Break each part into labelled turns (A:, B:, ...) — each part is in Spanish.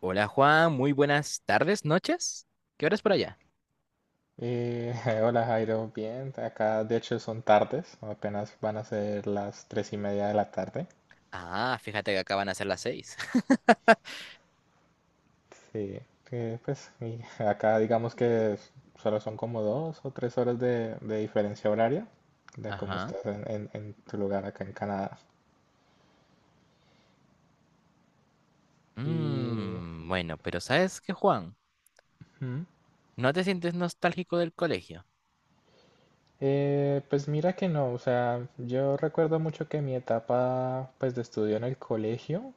A: Hola Juan, muy buenas tardes, noches. ¿Qué horas por allá?
B: Eh, hola Jairo, bien, acá de hecho son tardes, apenas van a ser las tres y media de la tarde.
A: Ah, fíjate que acaban a ser las seis.
B: Sí, pues y acá digamos que solo son como dos o tres horas de diferencia horaria de cómo
A: Ajá.
B: estás en tu lugar acá en Canadá. Y
A: Bueno, pero ¿sabes qué, Juan?
B: mm,
A: ¿No te sientes nostálgico del colegio?
B: pues mira que no, o sea, yo recuerdo mucho que mi etapa pues de estudio en el colegio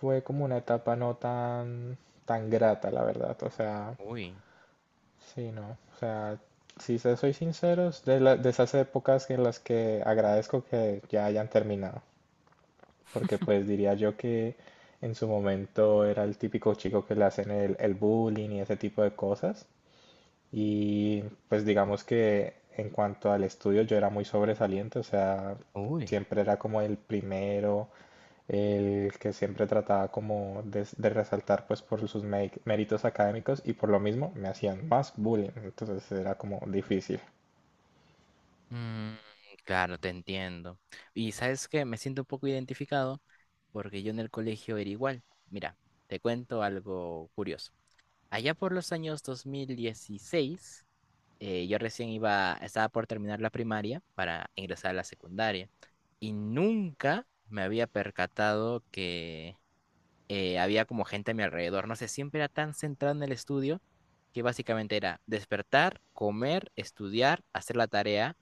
B: fue como una etapa no tan, tan grata, la verdad, o sea.
A: Uy,
B: Sí, no. O sea, si se soy sincero, es de, de esas épocas en las que agradezco que ya hayan terminado. Porque pues diría yo que en su momento era el típico chico que le hacen el bullying y ese tipo de cosas. Y pues digamos que en cuanto al estudio yo era muy sobresaliente, o sea,
A: uy.
B: siempre era como el primero, el que siempre trataba como de resaltar pues por sus méritos académicos y por lo mismo me hacían más bullying, entonces era como difícil.
A: Mm, claro, te entiendo. Y ¿sabes qué? Me siento un poco identificado porque yo en el colegio era igual. Mira, te cuento algo curioso. Allá por los años 2016, yo recién iba, estaba por terminar la primaria para ingresar a la secundaria y nunca me había percatado que había como gente a mi alrededor. No sé, siempre era tan centrado en el estudio que básicamente era despertar, comer, estudiar, hacer la tarea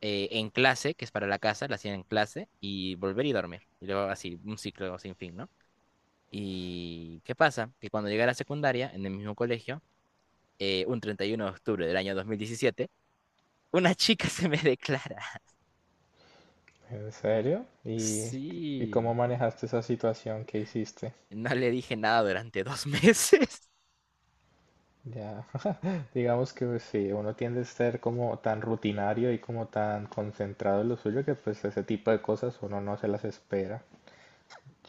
A: en clase, que es para la casa, la hacía en clase, y volver y dormir. Y luego así, un ciclo sin fin, ¿no? ¿Y qué pasa? Que cuando llegué a la secundaria, en el mismo colegio, un 31 de octubre del año 2017 una chica se me declara.
B: ¿En serio? Y cómo
A: Sí.
B: manejaste esa situación que hiciste?
A: No le dije nada durante 2 meses.
B: Ya, digamos que pues, sí, uno tiende a ser como tan rutinario y como tan concentrado en lo suyo que pues ese tipo de cosas uno no se las espera.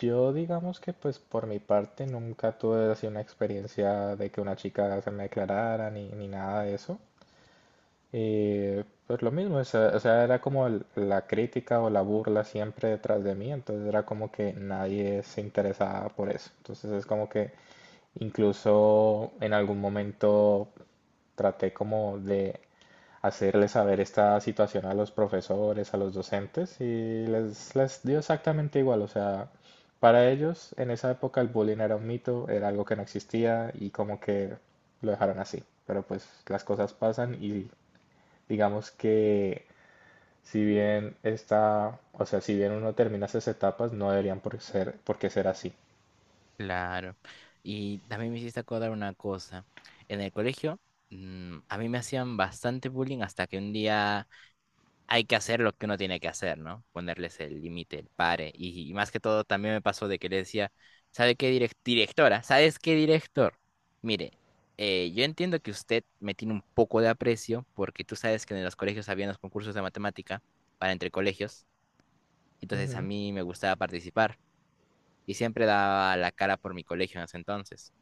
B: Yo digamos que pues por mi parte nunca tuve así una experiencia de que una chica se me declarara ni nada de eso. Y pues lo mismo, o sea, era como la crítica o la burla siempre detrás de mí, entonces era como que nadie se interesaba por eso. Entonces es como que incluso en algún momento traté como de hacerle saber esta situación a los profesores, a los docentes, y les dio exactamente igual, o sea, para ellos en esa época el bullying era un mito, era algo que no existía y como que lo dejaron así. Pero pues las cosas pasan y digamos que si bien está, o sea, si bien uno termina esas etapas, no deberían por ser, por qué ser así.
A: Claro. Y también me hiciste acordar una cosa. En el colegio, a mí me hacían bastante bullying hasta que un día hay que hacer lo que uno tiene que hacer, ¿no? Ponerles el límite, el pare. Y más que todo, también me pasó de que le decía, ¿sabe qué directora? ¿Sabes qué director? Mire, yo entiendo que usted me tiene un poco de aprecio porque tú sabes que en los colegios había los concursos de matemática para entre colegios. Entonces a
B: Ujú.
A: mí me gustaba participar y siempre daba la cara por mi colegio en ese entonces.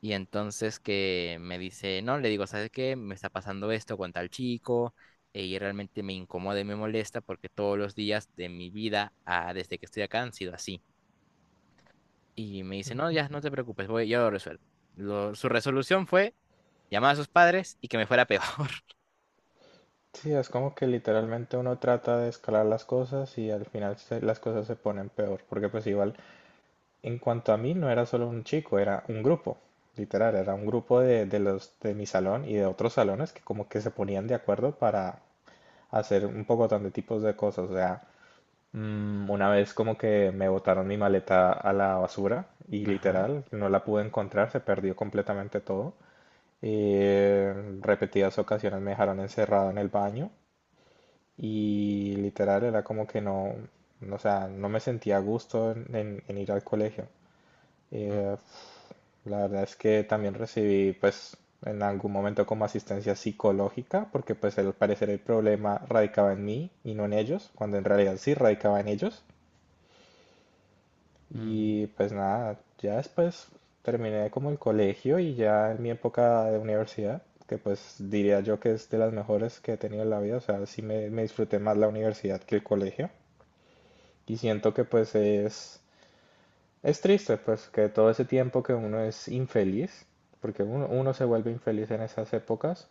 A: Y entonces que me dice, no, le digo, ¿sabes qué? Me está pasando esto con tal chico y realmente me incomoda y me molesta porque todos los días de mi vida desde que estoy acá han sido así. Y me dice, no, ya no te preocupes, voy, yo lo resuelvo. Su resolución fue llamar a sus padres y que me fuera peor.
B: Sí, es como que literalmente uno trata de escalar las cosas y al final las cosas se ponen peor, porque pues igual, en cuanto a mí, no era solo un chico, era un grupo, literal, era un grupo de los de mi salón y de otros salones que como que se ponían de acuerdo para hacer un poco de tipos de cosas, o sea. Una vez como que me botaron mi maleta a la basura y
A: Ajá.
B: literal no la pude encontrar, se perdió completamente todo. Eh, Repetidas ocasiones me dejaron encerrado en el baño y literal era como que no, no, o sea, no me sentía a gusto en, en ir al colegio.
A: Mm,
B: Eh, la verdad es que también recibí pues en algún momento como asistencia psicológica porque pues al parecer el problema radicaba en mí y no en ellos, cuando en realidad sí radicaba en ellos.
A: mm,
B: Y pues nada, ya después terminé como el colegio y ya en mi época de universidad, que pues diría yo que es de las mejores que he tenido en la vida, o sea, sí me disfruté más la universidad que el colegio. Y siento que pues es triste, pues que todo ese tiempo que uno es infeliz, porque uno, uno se vuelve infeliz en esas épocas,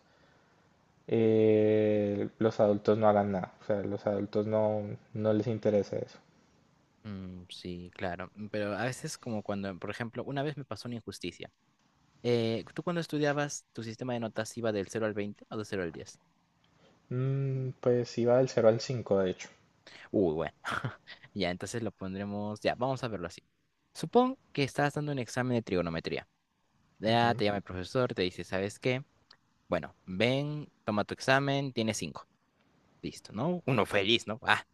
B: los adultos no hagan nada, o sea, los adultos no, no les interesa eso.
A: mm, sí, claro. Pero a veces como cuando, por ejemplo, una vez me pasó una injusticia. ¿Tú cuando estudiabas, tu sistema de notas iba del cero al 20 o del cero al 10?
B: Mm, pues iba del cero al 5 de hecho.
A: Uy, bueno. Ya, entonces lo pondremos. Ya, vamos a verlo así. Supón que estás dando un examen de trigonometría. Ya
B: Ujú,
A: te llama el profesor, te dice, ¿sabes qué? Bueno, ven, toma tu examen, tienes cinco. Listo, ¿no? Uno feliz, ¿no? Ah,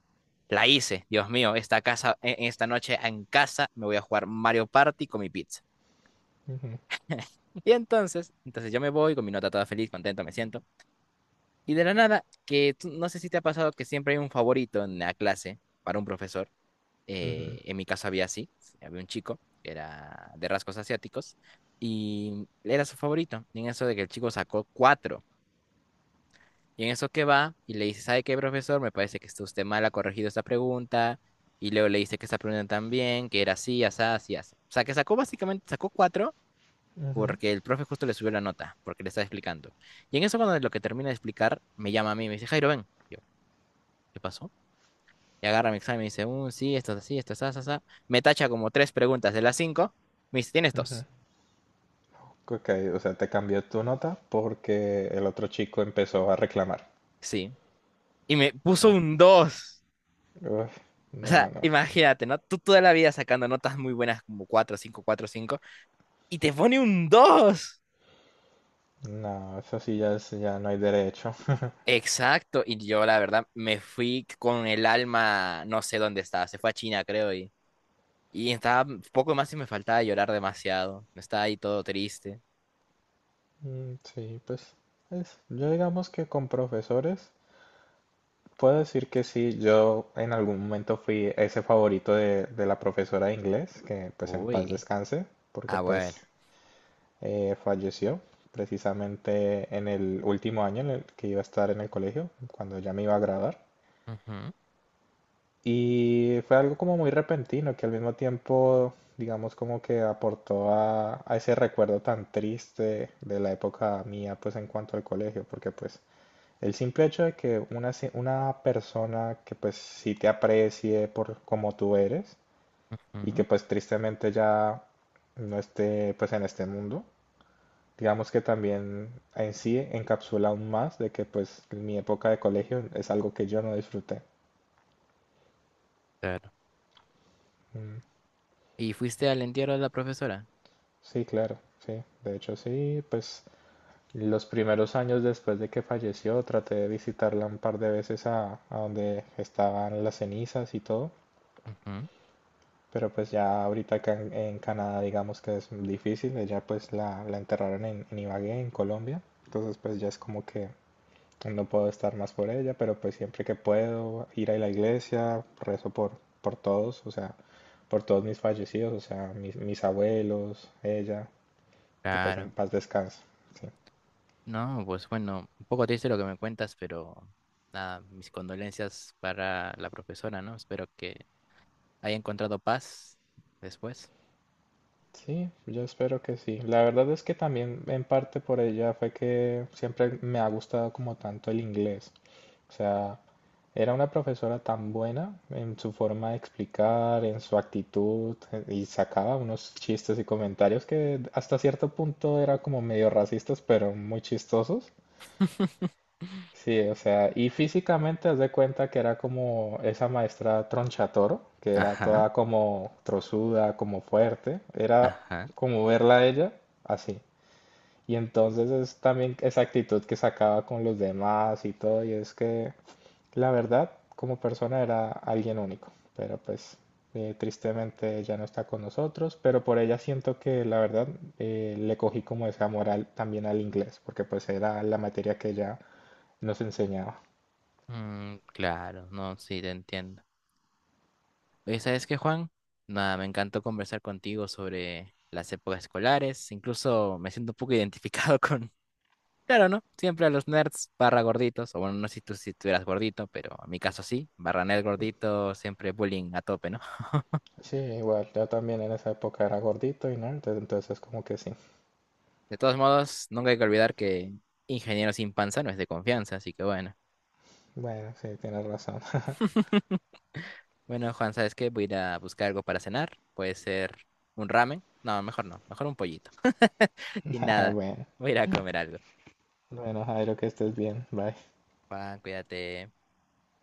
A: la hice. Dios mío, esta noche en casa me voy a jugar Mario Party con mi pizza.
B: ujú.
A: Y entonces yo me voy con mi nota toda feliz, contento me siento. Y de la nada, que no sé si te ha pasado que siempre hay un favorito en la clase para un profesor.
B: Ujú,
A: En mi caso había un chico que era de rasgos asiáticos y era su favorito. Y en eso de que el chico sacó cuatro. Y en eso que va y le dice, ¿sabe qué, profesor? Me parece que está usted mal, ha corregido esta pregunta. Y luego le dice que esta pregunta también, que era así, así, así, así. O sea, que sacó cuatro
B: ujú,
A: porque el profe justo le subió la nota, porque le estaba explicando. Y en eso cuando lo que termina de explicar, me llama a mí, me dice, Jairo, ven. Yo, ¿qué pasó? Y agarra mi examen y dice, sí, esto es así, así". Me tacha como tres preguntas de las cinco. Me dice, ¿tienes
B: ujú.
A: dos?
B: Ok, o sea, te cambió tu nota porque el otro chico empezó a reclamar.
A: Sí. Y me puso
B: Ah,
A: un dos.
B: uf,
A: O
B: no, no,
A: sea,
B: no.
A: imagínate, ¿no? Tú toda la vida sacando notas muy buenas como cuatro, cinco, cuatro, cinco. Y te pone un dos.
B: No, eso sí ya ya no hay derecho.
A: Exacto. Y yo, la verdad, me fui con el alma, no sé dónde estaba. Se fue a China, creo. Y estaba poco más y me faltaba llorar demasiado. Estaba ahí todo triste.
B: Sí, pues yo digamos que con profesores puedo decir que sí, yo en algún momento fui ese favorito de la profesora de inglés, que pues en paz
A: Uy.
B: descanse, porque
A: Ah, bueno.
B: pues falleció precisamente en el último año en el que iba a estar en el colegio, cuando ya me iba a graduar.
A: Ujú,
B: Y fue algo como muy repentino que al mismo tiempo, digamos, como que aportó a ese recuerdo tan triste de la época mía, pues en cuanto al colegio, porque pues el simple hecho de que una, una persona que pues sí te aprecie por como tú eres y que
A: ujú.
B: pues tristemente ya no esté pues en este mundo, digamos que también en sí encapsula aún más de que pues mi época de colegio es algo que yo no disfruté. Mm.
A: ¿Y fuiste al entierro de la profesora?
B: Sí, claro, sí. De hecho, sí, pues los primeros años después de que falleció traté de visitarla un par de veces a donde estaban las cenizas y todo,
A: Ujú.
B: pero pues ya ahorita acá en Canadá digamos que es difícil, ella pues la enterraron en Ibagué, en Colombia, entonces pues ya es como que no puedo estar más por ella, pero pues siempre que puedo ir a la iglesia, rezo por todos, o sea, por todos mis fallecidos, o sea, mis, mis abuelos, ella, que pues en
A: Claro.
B: paz descanse. Sí.
A: No, pues bueno, un poco triste lo que me cuentas, pero nada, mis condolencias para la profesora, ¿no? Espero que haya encontrado paz después.
B: Sí, yo espero que sí. La verdad es que también en parte por ella fue que siempre me ha gustado como tanto el inglés. O sea, era una profesora tan buena en su forma de explicar, en su actitud, y sacaba unos chistes y comentarios que hasta cierto punto era como medio racistas, pero muy chistosos. Sí, o sea, y físicamente haz de cuenta que era como esa maestra Tronchatoro, que era
A: Ajá,
B: toda como trozuda, como fuerte, era
A: ajá.
B: como verla a ella así. Y entonces es también esa actitud que sacaba con los demás y todo, y es que la verdad, como persona era alguien único, pero pues tristemente ya no está con nosotros, pero por ella siento que la verdad le cogí como ese amor también al inglés, porque pues era la materia que ella nos enseñaba.
A: Mm, claro, no, sí, te entiendo. Oye, ¿sabes qué, Juan? Nada, me encantó conversar contigo sobre las épocas escolares. Incluso me siento un poco identificado con. Claro, ¿no? Siempre a los nerds barra gorditos, o bueno, no sé si tú eras gordito, pero en mi caso sí, barra nerd gordito, siempre bullying a tope, ¿no?
B: Sí, igual, yo también en esa época era gordito y nerd, entonces como que sí.
A: De todos modos, nunca hay que olvidar que ingeniero sin panza no es de confianza, así que bueno.
B: Bueno, sí, tienes razón.
A: Bueno, Juan, ¿sabes qué? Voy a ir a buscar algo para cenar, puede ser un ramen, no, mejor no, mejor un pollito. Y
B: Ah,
A: nada,
B: bueno,
A: voy a ir a comer algo.
B: bueno, Jairo, que estés bien. Bye.
A: Juan, cuídate.